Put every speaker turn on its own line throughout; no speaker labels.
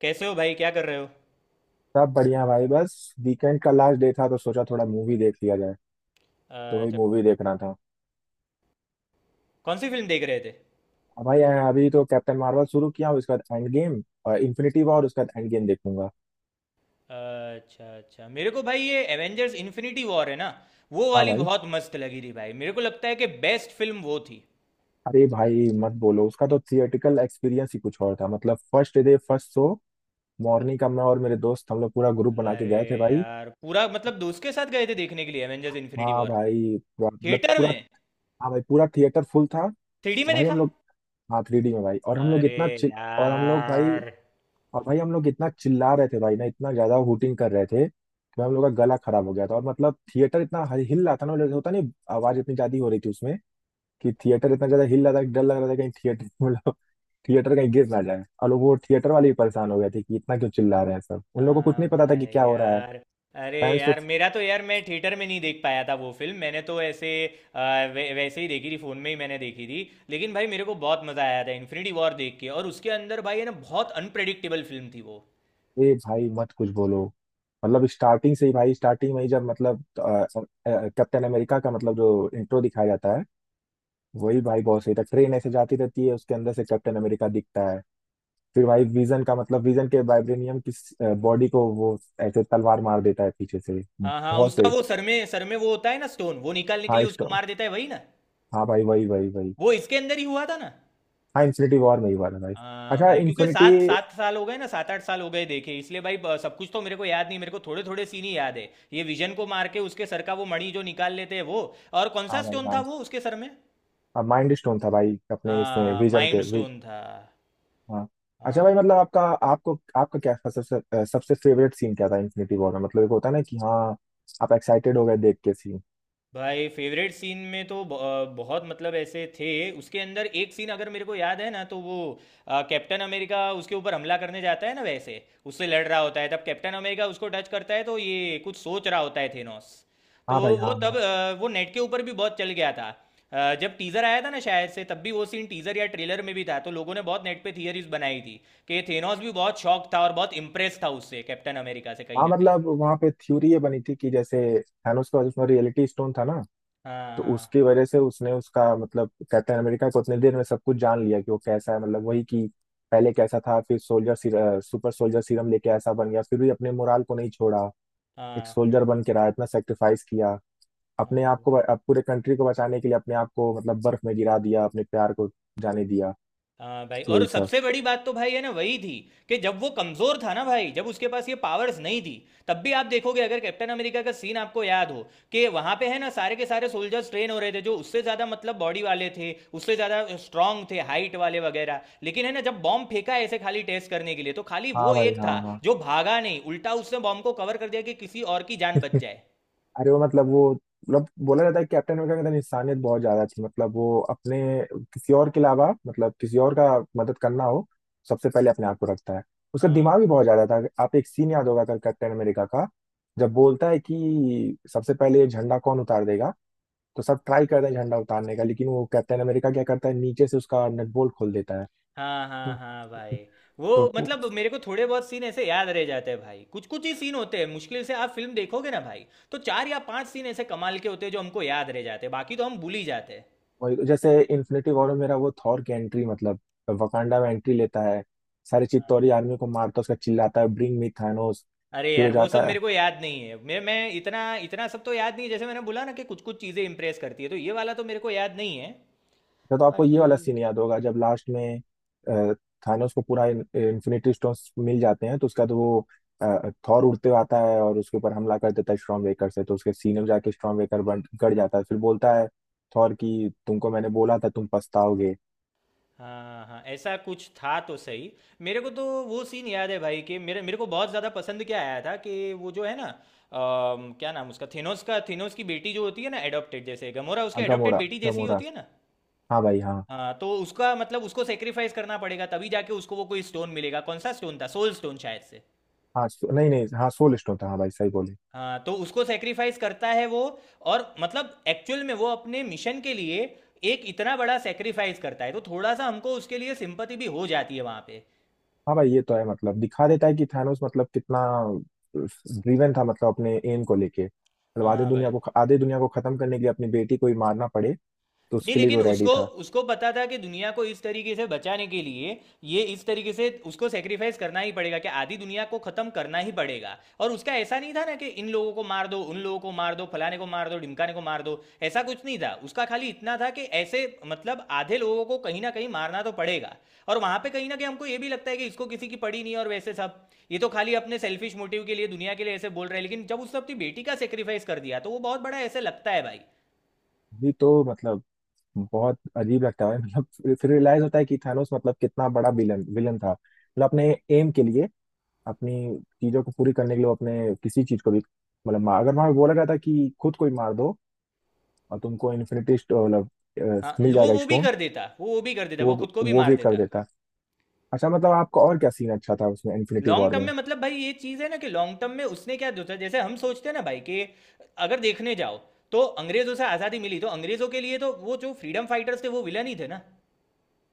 कैसे हो भाई? क्या कर रहे हो?
सब बढ़िया भाई बस। वीकेंड का लास्ट डे था तो सोचा थोड़ा मूवी देख लिया जाए। तो वही
अच्छा।
मूवी देखना था।
कौन सी फिल्म देख रहे थे?
अब भाई अभी तो कैप्टन मार्वल शुरू किया हूँ। उसके बाद एंड गेम और इन्फिनिटी वॉर, उसके बाद एंड गेम देखूंगा।
अच्छा अच्छा। मेरे को भाई ये एवेंजर्स इन्फिनिटी वॉर है ना, वो
हाँ
वाली
भाई।
बहुत मस्त लगी थी भाई। मेरे को लगता है कि बेस्ट फिल्म वो थी।
अरे भाई मत बोलो, उसका तो थिएटिकल एक्सपीरियंस ही कुछ और था। मतलब first day first show morning का, मैं और मेरे दोस्त हम लोग पूरा ग्रुप बना के गए थे
अरे
भाई।
यार, पूरा मतलब दोस्त के साथ गए थे देखने के लिए एवेंजर्स इन्फिनिटी
हाँ
वॉर।
भाई मतलब
थिएटर
पूरा।
में।
हाँ भाई पूरा थिएटर फुल था।
थ्री डी
और
में
भाई
देखा।
हम लोग। हाँ थ्री डी में भाई और हम लोग
अरे
इतना चिल। और हम लोग भाई।
यार।
और भाई हम लोग इतना चिल्ला रहे थे भाई ना, इतना ज्यादा हूटिंग कर रहे थे कि हम लोग का गला खराब हो गया था। और मतलब थिएटर इतना हिल हिल रहा था ना, मतलब होता नहीं। आवाज इतनी ज्यादा हो रही थी उसमें कि थिएटर इतना ज्यादा हिल रहा था कि डर लग रहा था कहीं थिएटर मतलब थिएटर कहीं गिर ना जाए। और लोग वो थिएटर वाले भी परेशान हो गए थे कि इतना क्यों चिल्ला रहे हैं सब। उन लोगों को कुछ
हाँ
नहीं पता था कि
भाई
क्या हो रहा है।
यार। अरे
फैंस तो
यार, मेरा तो यार, मैं थिएटर में नहीं देख पाया था वो फिल्म। मैंने तो ऐसे वैसे ही देखी थी, फ़ोन में ही मैंने देखी थी। लेकिन भाई मेरे को बहुत मज़ा आया था इन्फिनिटी वॉर देख के, और उसके अंदर भाई है ना बहुत अनप्रेडिक्टेबल फिल्म थी वो।
थे भाई, मत कुछ बोलो। मतलब स्टार्टिंग से ही भाई, स्टार्टिंग में ही जब मतलब कैप्टन अमेरिका का मतलब जो इंट्रो दिखाया जाता है वही भाई बहुत सही था। ट्रेन ऐसे जाती रहती है, उसके अंदर से कैप्टन अमेरिका दिखता है। फिर भाई विजन का मतलब विजन के वाइब्रेनियम किस बॉडी को वो ऐसे तलवार मार देता है पीछे से।
हाँ हाँ,
बहुत
उसका
से।
वो सर में वो होता है ना स्टोन, वो निकालने के
हाँ
लिए उसको
स्टॉ
मार देता है, वही ना।
हाँ भाई वही वही वही।
वो इसके अंदर ही हुआ था ना।
हाँ इन्फिनिटी वॉर में ही वाला भाई।
हाँ
अच्छा
भाई, क्योंकि
इन्फिनिटी।
सात सात साल हो गए ना, 7 8 साल हो गए देखे इसलिए भाई, ब- सब कुछ तो मेरे को याद नहीं। मेरे को थोड़े थोड़े सीन ही याद है, ये विजन को मार के उसके सर का वो मणि जो निकाल लेते हैं वो। और कौन सा
हाँ भाई
स्टोन था
हाँ।
वो उसके सर में?
अब माइंड स्टोन था भाई, अपने इसमें
हाँ,
विजन
माइंड
के
स्टोन था।
हाँ। अच्छा भाई
हाँ।
मतलब आपका आपको आपका क्या सबसे सबसे फेवरेट सीन क्या था इन्फिनिटी वॉर में? मतलब एक होता है ना कि हाँ आप एक्साइटेड हो गए देख के सीन।
भाई फेवरेट सीन में तो ब- बहुत मतलब ऐसे थे उसके अंदर। एक सीन अगर मेरे को याद है ना तो वो, कैप्टन अमेरिका उसके ऊपर हमला करने जाता है ना, वैसे उससे लड़ रहा होता है, तब कैप्टन अमेरिका उसको टच करता है तो ये कुछ सोच रहा होता है, थेनोस। तो
हाँ भाई
वो
हाँ
तब
हाँ।
वो नेट के ऊपर भी बहुत चल गया था। जब टीजर आया था ना शायद से, तब भी वो सीन टीजर या ट्रेलर में भी था, तो लोगों ने बहुत नेट पे थियरीज बनाई थी कि थेनोस भी बहुत शॉक था और बहुत इम्प्रेस था उससे, कैप्टन अमेरिका से, कहीं
हाँ
ना कहीं।
मतलब वहाँ पे थ्योरी ये बनी थी कि जैसे थानोस का उसमें रियलिटी स्टोन था ना।
हाँ
तो
हाँ
उसकी वजह से उसने उसका मतलब कैप्टन अमेरिका को उतने देर में सब कुछ जान लिया कि वो कैसा है। मतलब वही कि पहले कैसा था, फिर सोल्जर सुपर सोल्जर सीरम लेके ऐसा बन गया, फिर भी अपने मोराल को नहीं छोड़ा। एक
हाँ
सोल्जर बन के रहा, इतना सेक्रीफाइस किया अपने आप
हाँ।
को। अब पूरे कंट्री को बचाने के लिए अपने आप को मतलब बर्फ में गिरा दिया, अपने प्यार को जाने दिया।
हाँ भाई,
तो
और
यही सब।
सबसे बड़ी बात तो भाई है ना वही थी, कि जब वो कमजोर था ना भाई, जब उसके पास ये पावर्स नहीं थी, तब भी आप देखोगे अगर कैप्टन अमेरिका का सीन आपको याद हो, कि वहां पे है ना सारे के सारे सोल्जर्स ट्रेन हो रहे थे जो उससे ज्यादा मतलब बॉडी वाले थे, उससे ज्यादा स्ट्रांग थे, हाइट वाले वगैरह, लेकिन है ना जब बॉम्ब फेंका ऐसे खाली टेस्ट करने के लिए, तो खाली
हाँ
वो
भाई
एक
हाँ
था
हाँ।
जो भागा नहीं, उल्टा उसने बॉम्ब को कवर कर दिया कि किसी और की जान बच जाए।
अरे वो मतलब, वो मतलब बोला जाता है कि कैप्टन अमेरिका के अंदर इंसानियत बहुत ज्यादा थी। मतलब वो अपने, किसी और के अलावा मतलब किसी और का मदद करना हो, सबसे पहले अपने आप को रखता है। उसका
अ,
दिमाग भी बहुत ज्यादा था। आप एक सीन याद होगा अगर कैप्टन अमेरिका का, जब बोलता है कि सबसे पहले ये झंडा कौन उतार देगा। तो सब ट्राई करते हैं झंडा उतारने का, लेकिन वो कैप्टन अमेरिका क्या करता है नीचे से उसका नट बोल्ट खोल देता है।
हाँ
तो
हाँ हाँ भाई,
तो
वो
पू-
मतलब मेरे को थोड़े बहुत सीन ऐसे याद रह जाते हैं भाई, कुछ कुछ ही सीन होते हैं मुश्किल से। आप फिल्म देखोगे ना भाई, तो 4 या 5 सीन ऐसे कमाल के होते हैं जो हमको याद रह जाते हैं, बाकी तो हम भूल ही जाते हैं।
वही तो जैसे इन्फिनिटी वॉर में मेरा वो थॉर की एंट्री, मतलब वकांडा में एंट्री लेता है, सारी चित्तौरी आर्मी को मारता है। उसका चिल्लाता है, ब्रिंग मी थानोस।
अरे
फिर हो
यार वो सब
जाता है।
मेरे को याद नहीं है, मैं इतना इतना सब तो याद नहीं है। जैसे मैंने बोला ना कि कुछ कुछ चीज़ें इम्प्रेस करती है, तो ये वाला तो मेरे को याद नहीं है
फिर तो आपको ये
बाकी।
वाला सीन याद होगा जब लास्ट में अ, थानोस को पूरा इन्फिनिटी स्टोन्स मिल जाते हैं। तो उसका तो वो थॉर उड़ते हुए आता है और उसके ऊपर हमला कर देता है स्ट्रॉन्ग वेकर से। तो उसके सीने में जाके स्ट्रॉन्ग वेकर बन गड़ जाता है। फिर बोलता है, थॉर की तुमको मैंने बोला था तुम पछताओगे।
हाँ हाँ, ऐसा कुछ था तो सही। मेरे को तो वो सीन याद है भाई, कि मेरे मेरे को बहुत ज़्यादा पसंद क्या आया था, कि वो जो है ना, क्या नाम उसका, थेनोस का, थेनोस की बेटी जो होती है ना एडॉप्टेड, जैसे गमोरा उसकी
हाँ,
एडॉप्टेड
गमोरा
बेटी जैसी ही
गमोरा।
होती है ना।
हाँ भाई हाँ
हाँ, तो उसका मतलब उसको सेक्रीफाइस करना पड़ेगा तभी जाके उसको वो कोई स्टोन मिलेगा। कौन सा स्टोन था, सोल स्टोन शायद से।
हाँ। नहीं नहीं, हाँ सोल स्टोन था। हाँ भाई, सही बोले।
हाँ, तो उसको सेक्रीफाइस करता है वो, और मतलब एक्चुअल में वो अपने मिशन के लिए एक इतना बड़ा सेक्रीफाइस करता है, तो थोड़ा सा हमको उसके लिए सिंपति भी हो जाती है वहाँ पे।
हाँ भाई ये तो है। मतलब दिखा देता है कि थानोस मतलब कितना ड्रीवन था। मतलब अपने एम को लेके, मतलब
हाँ भाई।
आधे दुनिया को खत्म करने के लिए अपनी बेटी को ही मारना पड़े तो
नहीं,
उसके लिए वो
लेकिन
रेडी
उसको,
था।
उसको पता था कि दुनिया को इस तरीके से बचाने के लिए, ये इस तरीके से उसको सेक्रीफाइस करना ही पड़ेगा, कि आधी दुनिया को खत्म करना ही पड़ेगा। और उसका ऐसा नहीं था ना कि इन लोगों को मार दो, उन लोगों को मार दो, फलाने को मार दो, ढिमकाने को मार दो, ऐसा कुछ नहीं था। उसका खाली इतना था कि ऐसे मतलब आधे लोगों को कहीं ना कहीं मारना तो पड़ेगा। और वहां पे कहीं ना कहीं हमको ये भी लगता है कि इसको किसी की पड़ी नहीं है और वैसे सब, ये तो खाली अपने सेल्फिश मोटिव के लिए दुनिया के लिए ऐसे बोल रहे हैं, लेकिन जब उसने अपनी बेटी का सेक्रीफाइस कर दिया, तो वो बहुत बड़ा ऐसे लगता है भाई।
ये तो मतलब बहुत अजीब लगता है। मतलब फिर, रियलाइज होता है कि थानोस मतलब कितना बड़ा विलन विलन था। मतलब अपने एम के लिए, अपनी चीजों को पूरी करने के लिए वो अपने किसी चीज को भी मतलब मार, अगर वहां बोला गया था कि खुद को ही मार दो और तुमको इन्फिनिटी मतलब
हाँ,
मिल
वो
जाएगा
वो भी
स्टोन,
कर देता, वो भी कर देता,
तो
वो
वो
खुद को भी
वो
मार
भी कर
देता।
देता। अच्छा मतलब आपका और क्या सीन अच्छा था उसमें इन्फिनिटी
लॉन्ग
वॉर
टर्म
में?
में मतलब भाई, ये चीज़ है ना कि लॉन्ग टर्म में उसने क्या सोचा, जैसे हम सोचते हैं ना भाई कि अगर देखने जाओ तो अंग्रेजों से आज़ादी मिली तो अंग्रेजों के लिए तो वो जो फ्रीडम फाइटर्स थे, वो विलन ही थे ना।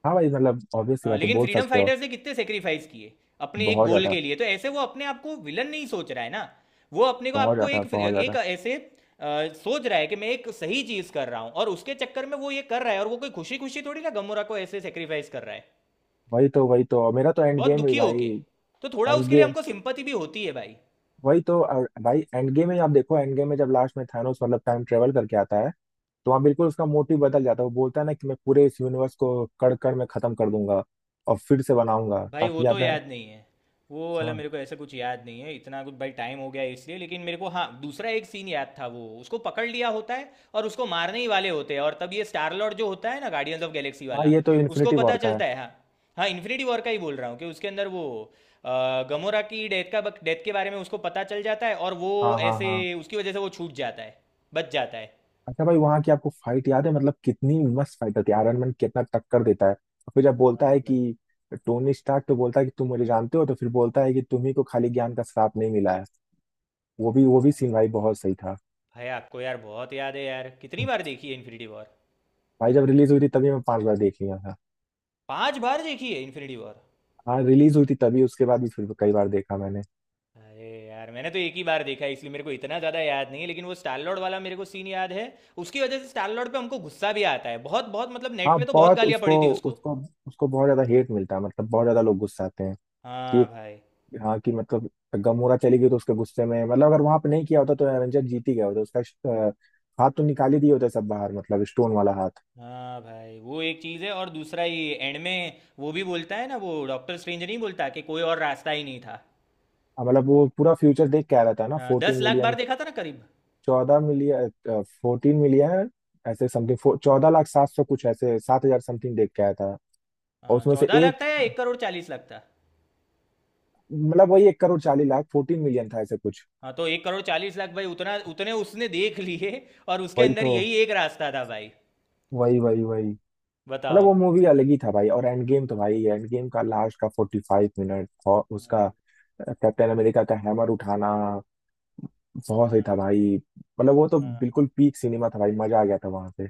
हाँ भाई, मतलब ऑब्वियस सी
हाँ,
बात है,
लेकिन
बोल
फ्रीडम
सकते हो।
फाइटर्स ने कितने सेक्रीफाइस किए अपने एक
बहुत
गोल
ज्यादा,
के लिए, तो ऐसे वो अपने आप को विलन नहीं सोच रहा है ना, वो अपने को
बहुत
आपको
ज्यादा
एक
बहुत
एक
ज्यादा।
ऐसे, सोच रहा है कि मैं एक सही चीज़ कर रहा हूँ, और उसके चक्कर में वो ये कर रहा है, और वो कोई खुशी खुशी थोड़ी ना गमोरा को ऐसे सेक्रीफाइस कर रहा है,
वही तो, वही तो मेरा तो एंड
बहुत
गेम भी
दुखी
भाई।
होके, तो थोड़ा
एंड
उसके लिए
गेम।
हमको सिंपति भी होती है भाई।
वही तो, और भाई एंड गेम में आप देखो, एंड गेम में जब लास्ट में थानोस मतलब टाइम ट्रेवल करके आता है, तो वहाँ बिल्कुल उसका मोटिव बदल जाता है। वो बोलता है ना कि मैं पूरे इस यूनिवर्स को कड़ कड़ में खत्म कर दूंगा और फिर से बनाऊंगा
भाई वो
ताकि
तो
आप।
याद नहीं है, वो वाला
हाँ
मेरे को ऐसा कुछ याद नहीं है, इतना कुछ भाई टाइम हो गया है इसलिए। लेकिन मेरे को हाँ दूसरा एक सीन याद था, वो उसको पकड़ लिया होता है और उसको मारने ही वाले होते हैं, और तब ये स्टार लॉर्ड जो होता है ना गार्डियंस ऑफ गैलेक्सी
हाँ
वाला,
ये तो
उसको
इन्फिनिटी
पता
वॉर का है।
चलता है। हाँ हाँ, इन्फिनिटी वॉर का ही बोल रहा हूँ कि उसके अंदर वो गमोरा की डेथ के बारे में उसको पता चल जाता है और वो
हाँ हाँ
ऐसे
हाँ।
उसकी वजह से वो छूट जाता है, बच जाता है।
अच्छा भाई, वहां की आपको फाइट याद है, मतलब कितनी मस्त फाइट होती है, आयरन मैन कितना टक्कर देता है। और फिर जब बोलता
हाँ
है
भाई।
कि टोनी स्टार्क, तो बोलता है कि तुम मुझे जानते हो, तो फिर बोलता है कि तुम्ही को खाली ज्ञान का श्राप नहीं मिला है। वो भी
हाँ
सीन भाई बहुत सही था।
भाई, आपको यार बहुत याद है यार, कितनी
हम्म।
बार देखी है इन्फिनिटी वॉर?
भाई जब रिलीज हुई थी तभी मैं 5 बार देख लिया था।
5 बार देखी है इन्फिनिटी वॉर?
हाँ रिलीज हुई थी तभी, उसके बाद भी फिर कई बार देखा मैंने।
अरे यार, मैंने तो एक ही बार देखा है इसलिए मेरे को इतना ज़्यादा याद नहीं है, लेकिन वो स्टार लॉर्ड वाला मेरे को सीन याद है। उसकी वजह से स्टार लॉर्ड पे हमको गुस्सा भी आता है बहुत बहुत, मतलब नेट
हाँ
पे तो बहुत
बहुत
गालियाँ
उसको।
पड़ी थी उसको।
उसको उसको बहुत ज्यादा हेट मिलता है, मतलब बहुत ज्यादा लोग गुस्साते हैं कि
हाँ
ये।
भाई।
हाँ कि मतलब गमोरा चली गई तो उसके गुस्से में, मतलब अगर वहां पे नहीं किया होता तो एवेंजर जीत ही गया होता। उसका हाथ तो निकाल ही दिए होते सब बाहर, मतलब स्टोन वाला हाथ।
हाँ भाई वो एक चीज़ है, और दूसरा ये एंड में वो भी बोलता है ना, वो डॉक्टर स्ट्रेंज, नहीं बोलता कि कोई और रास्ता ही नहीं था।
हाँ, मतलब वो पूरा फ्यूचर देख के आ रहा था ना,
हाँ, दस
फोर्टीन
लाख बार
मिलियन
देखा था ना करीब।
14 मिलियन, 14 मिलियन ऐसे समथिंग, 14 लाख 700 कुछ ऐसे, 7,000 समथिंग देख के आया था। और
हाँ,
उसमें से
14 लाख
एक,
था या 1 करोड़ 40 लाख था?
मतलब वही 1 करोड़ 40 लाख, 14 मिलियन था ऐसे कुछ।
हाँ, तो 1 करोड़ 40 लाख भाई उतना, उतने उसने देख लिए, और उसके
वही
अंदर
तो,
यही एक रास्ता था भाई।
वही वही वही। मतलब
बताओ।
वो मूवी अलग ही था भाई। और एंड गेम, तो
हाँ
भाई एंड गेम का लास्ट का 45 मिनट और उसका
हाँ
कैप्टन अमेरिका का हैमर उठाना बहुत सही
हाँ।
था भाई। मतलब वो तो
हाँ।
बिल्कुल पीक सिनेमा था भाई, मजा आ गया था वहां पे।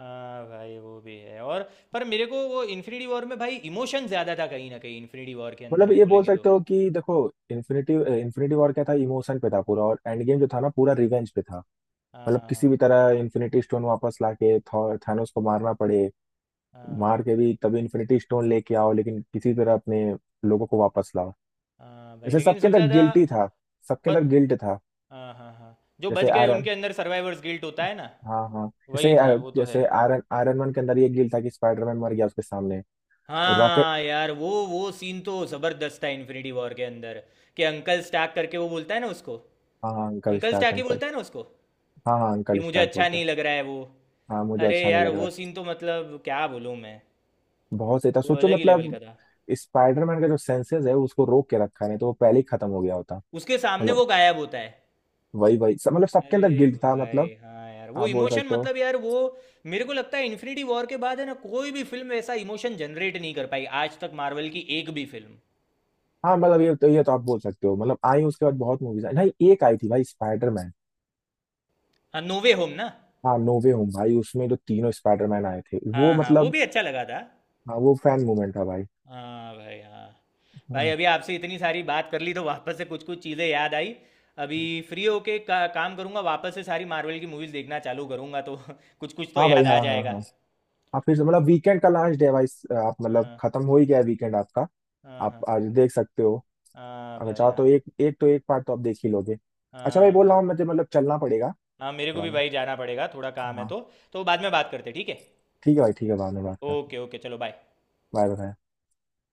हाँ भाई वो भी है, और पर मेरे को वो इन्फिनिटी वॉर में भाई इमोशन ज़्यादा था कहीं ना कहीं, इन्फिनिटी वॉर के अंदर
मतलब
हम
ये बोल
बोलेंगे तो।
सकते हो कि देखो, इन्फिनिटी इन्फिनिटी वॉर क्या था, इमोशन पे था पूरा, और एंड गेम जो था ना पूरा रिवेंज पे था। मतलब
हाँ
किसी भी तरह इन्फिनिटी स्टोन वापस लाके थानोस को मारना पड़े।
हाँ हाँ
मार के भी तभी इन्फिनिटी स्टोन लेके आओ, लेकिन किसी तरह अपने लोगों को वापस लाओ।
हाँ भाई,
जैसे
लेकिन
सबके
सबसे
अंदर
ज़्यादा,
गिल्टी था, सबके
पर,
अंदर गिल्ट था।
हाँ हाँ हाँ, जो
जैसे
बच गए
आयरन।
उनके अंदर सर्वाइवर्स गिल्ट होता है ना,
हाँ हाँ,
वही
जैसे
था वो, तो है।
जैसे आयरन आयरन मैन के अंदर ये गिल था कि स्पाइडरमैन मर गया उसके सामने। रॉकेट।
हाँ यार, वो सीन तो ज़बरदस्त था इन्फिनिटी वॉर के अंदर, कि अंकल स्टार्क करके वो बोलता है ना उसको,
हाँ हाँ अंकल
अंकल
स्टार्क,
स्टाकी
अंकल।
बोलता है ना उसको कि
हाँ हाँ अंकल
मुझे
स्टार्क
अच्छा
बोलता है।
नहीं लग रहा है वो।
हाँ मुझे
अरे
अच्छा नहीं
यार,
लग रहा
वो
है।
सीन तो मतलब क्या बोलूँ मैं,
बहुत सही था,
वो
सोचो
अलग ही लेवल
मतलब।
का था।
स्पाइडरमैन का जो सेंसेस है उसको रोक के रखा है, नहीं तो वो पहले ही खत्म हो गया होता।
उसके सामने
मतलब
वो गायब होता है।
वही वही सब, मतलब सबके अंदर
अरे
गिल्ट था।
भाई
मतलब
हाँ यार वो
आप बोल
इमोशन,
सकते हो।
मतलब यार वो, मेरे को लगता है इन्फिनिटी वॉर के बाद है ना कोई भी फिल्म ऐसा इमोशन जनरेट नहीं कर पाई आज तक, मार्वल की एक भी फिल्म।
हाँ मतलब ये तो, ये तो आप बोल सकते हो। मतलब आई, उसके बाद बहुत मूवीज आई। नहीं एक आई थी भाई, स्पाइडरमैन।
हाँ, नोवे होम ना?
हाँ नो वे होम भाई, उसमें जो तीनों स्पाइडरमैन आए थे वो
हाँ हाँ, वो
मतलब।
भी अच्छा लगा था।
हाँ वो फैन मूवमेंट था भाई।
हाँ भाई। हाँ भाई,
हाँ।
अभी आपसे इतनी सारी बात कर ली तो वापस से कुछ कुछ चीज़ें याद आई। अभी फ्री होके काम करूंगा, वापस से सारी मार्वल की मूवीज़ देखना चालू करूंगा तो कुछ कुछ तो
हाँ भाई
याद
हाँ
आ
हाँ
जाएगा।
हाँ। आप फिर से मतलब, वीकेंड का लास्ट डे है भाई, आप मतलब
हाँ
खत्म हो ही गया वीकेंड आपका।
हाँ
आप
हाँ
आज देख सकते हो
हाँ
अगर
भाई।
चाहो तो,
हाँ
एक एक तो एक पार्ट तो आप देख ही लोगे। अच्छा भाई,
हाँ
बोल
भाई।
रहा हूँ मुझे मतलब चलना पड़ेगा।
हाँ, मेरे को
थोड़ा
भी
मैं,
भाई जाना पड़ेगा, थोड़ा काम है
हाँ।
तो। तो बाद में बात करते हैं, ठीक है?
ठीक है भाई, ठीक है, बाद में बात करते हैं।
ओके ओके, चलो बाय।
Bye bye.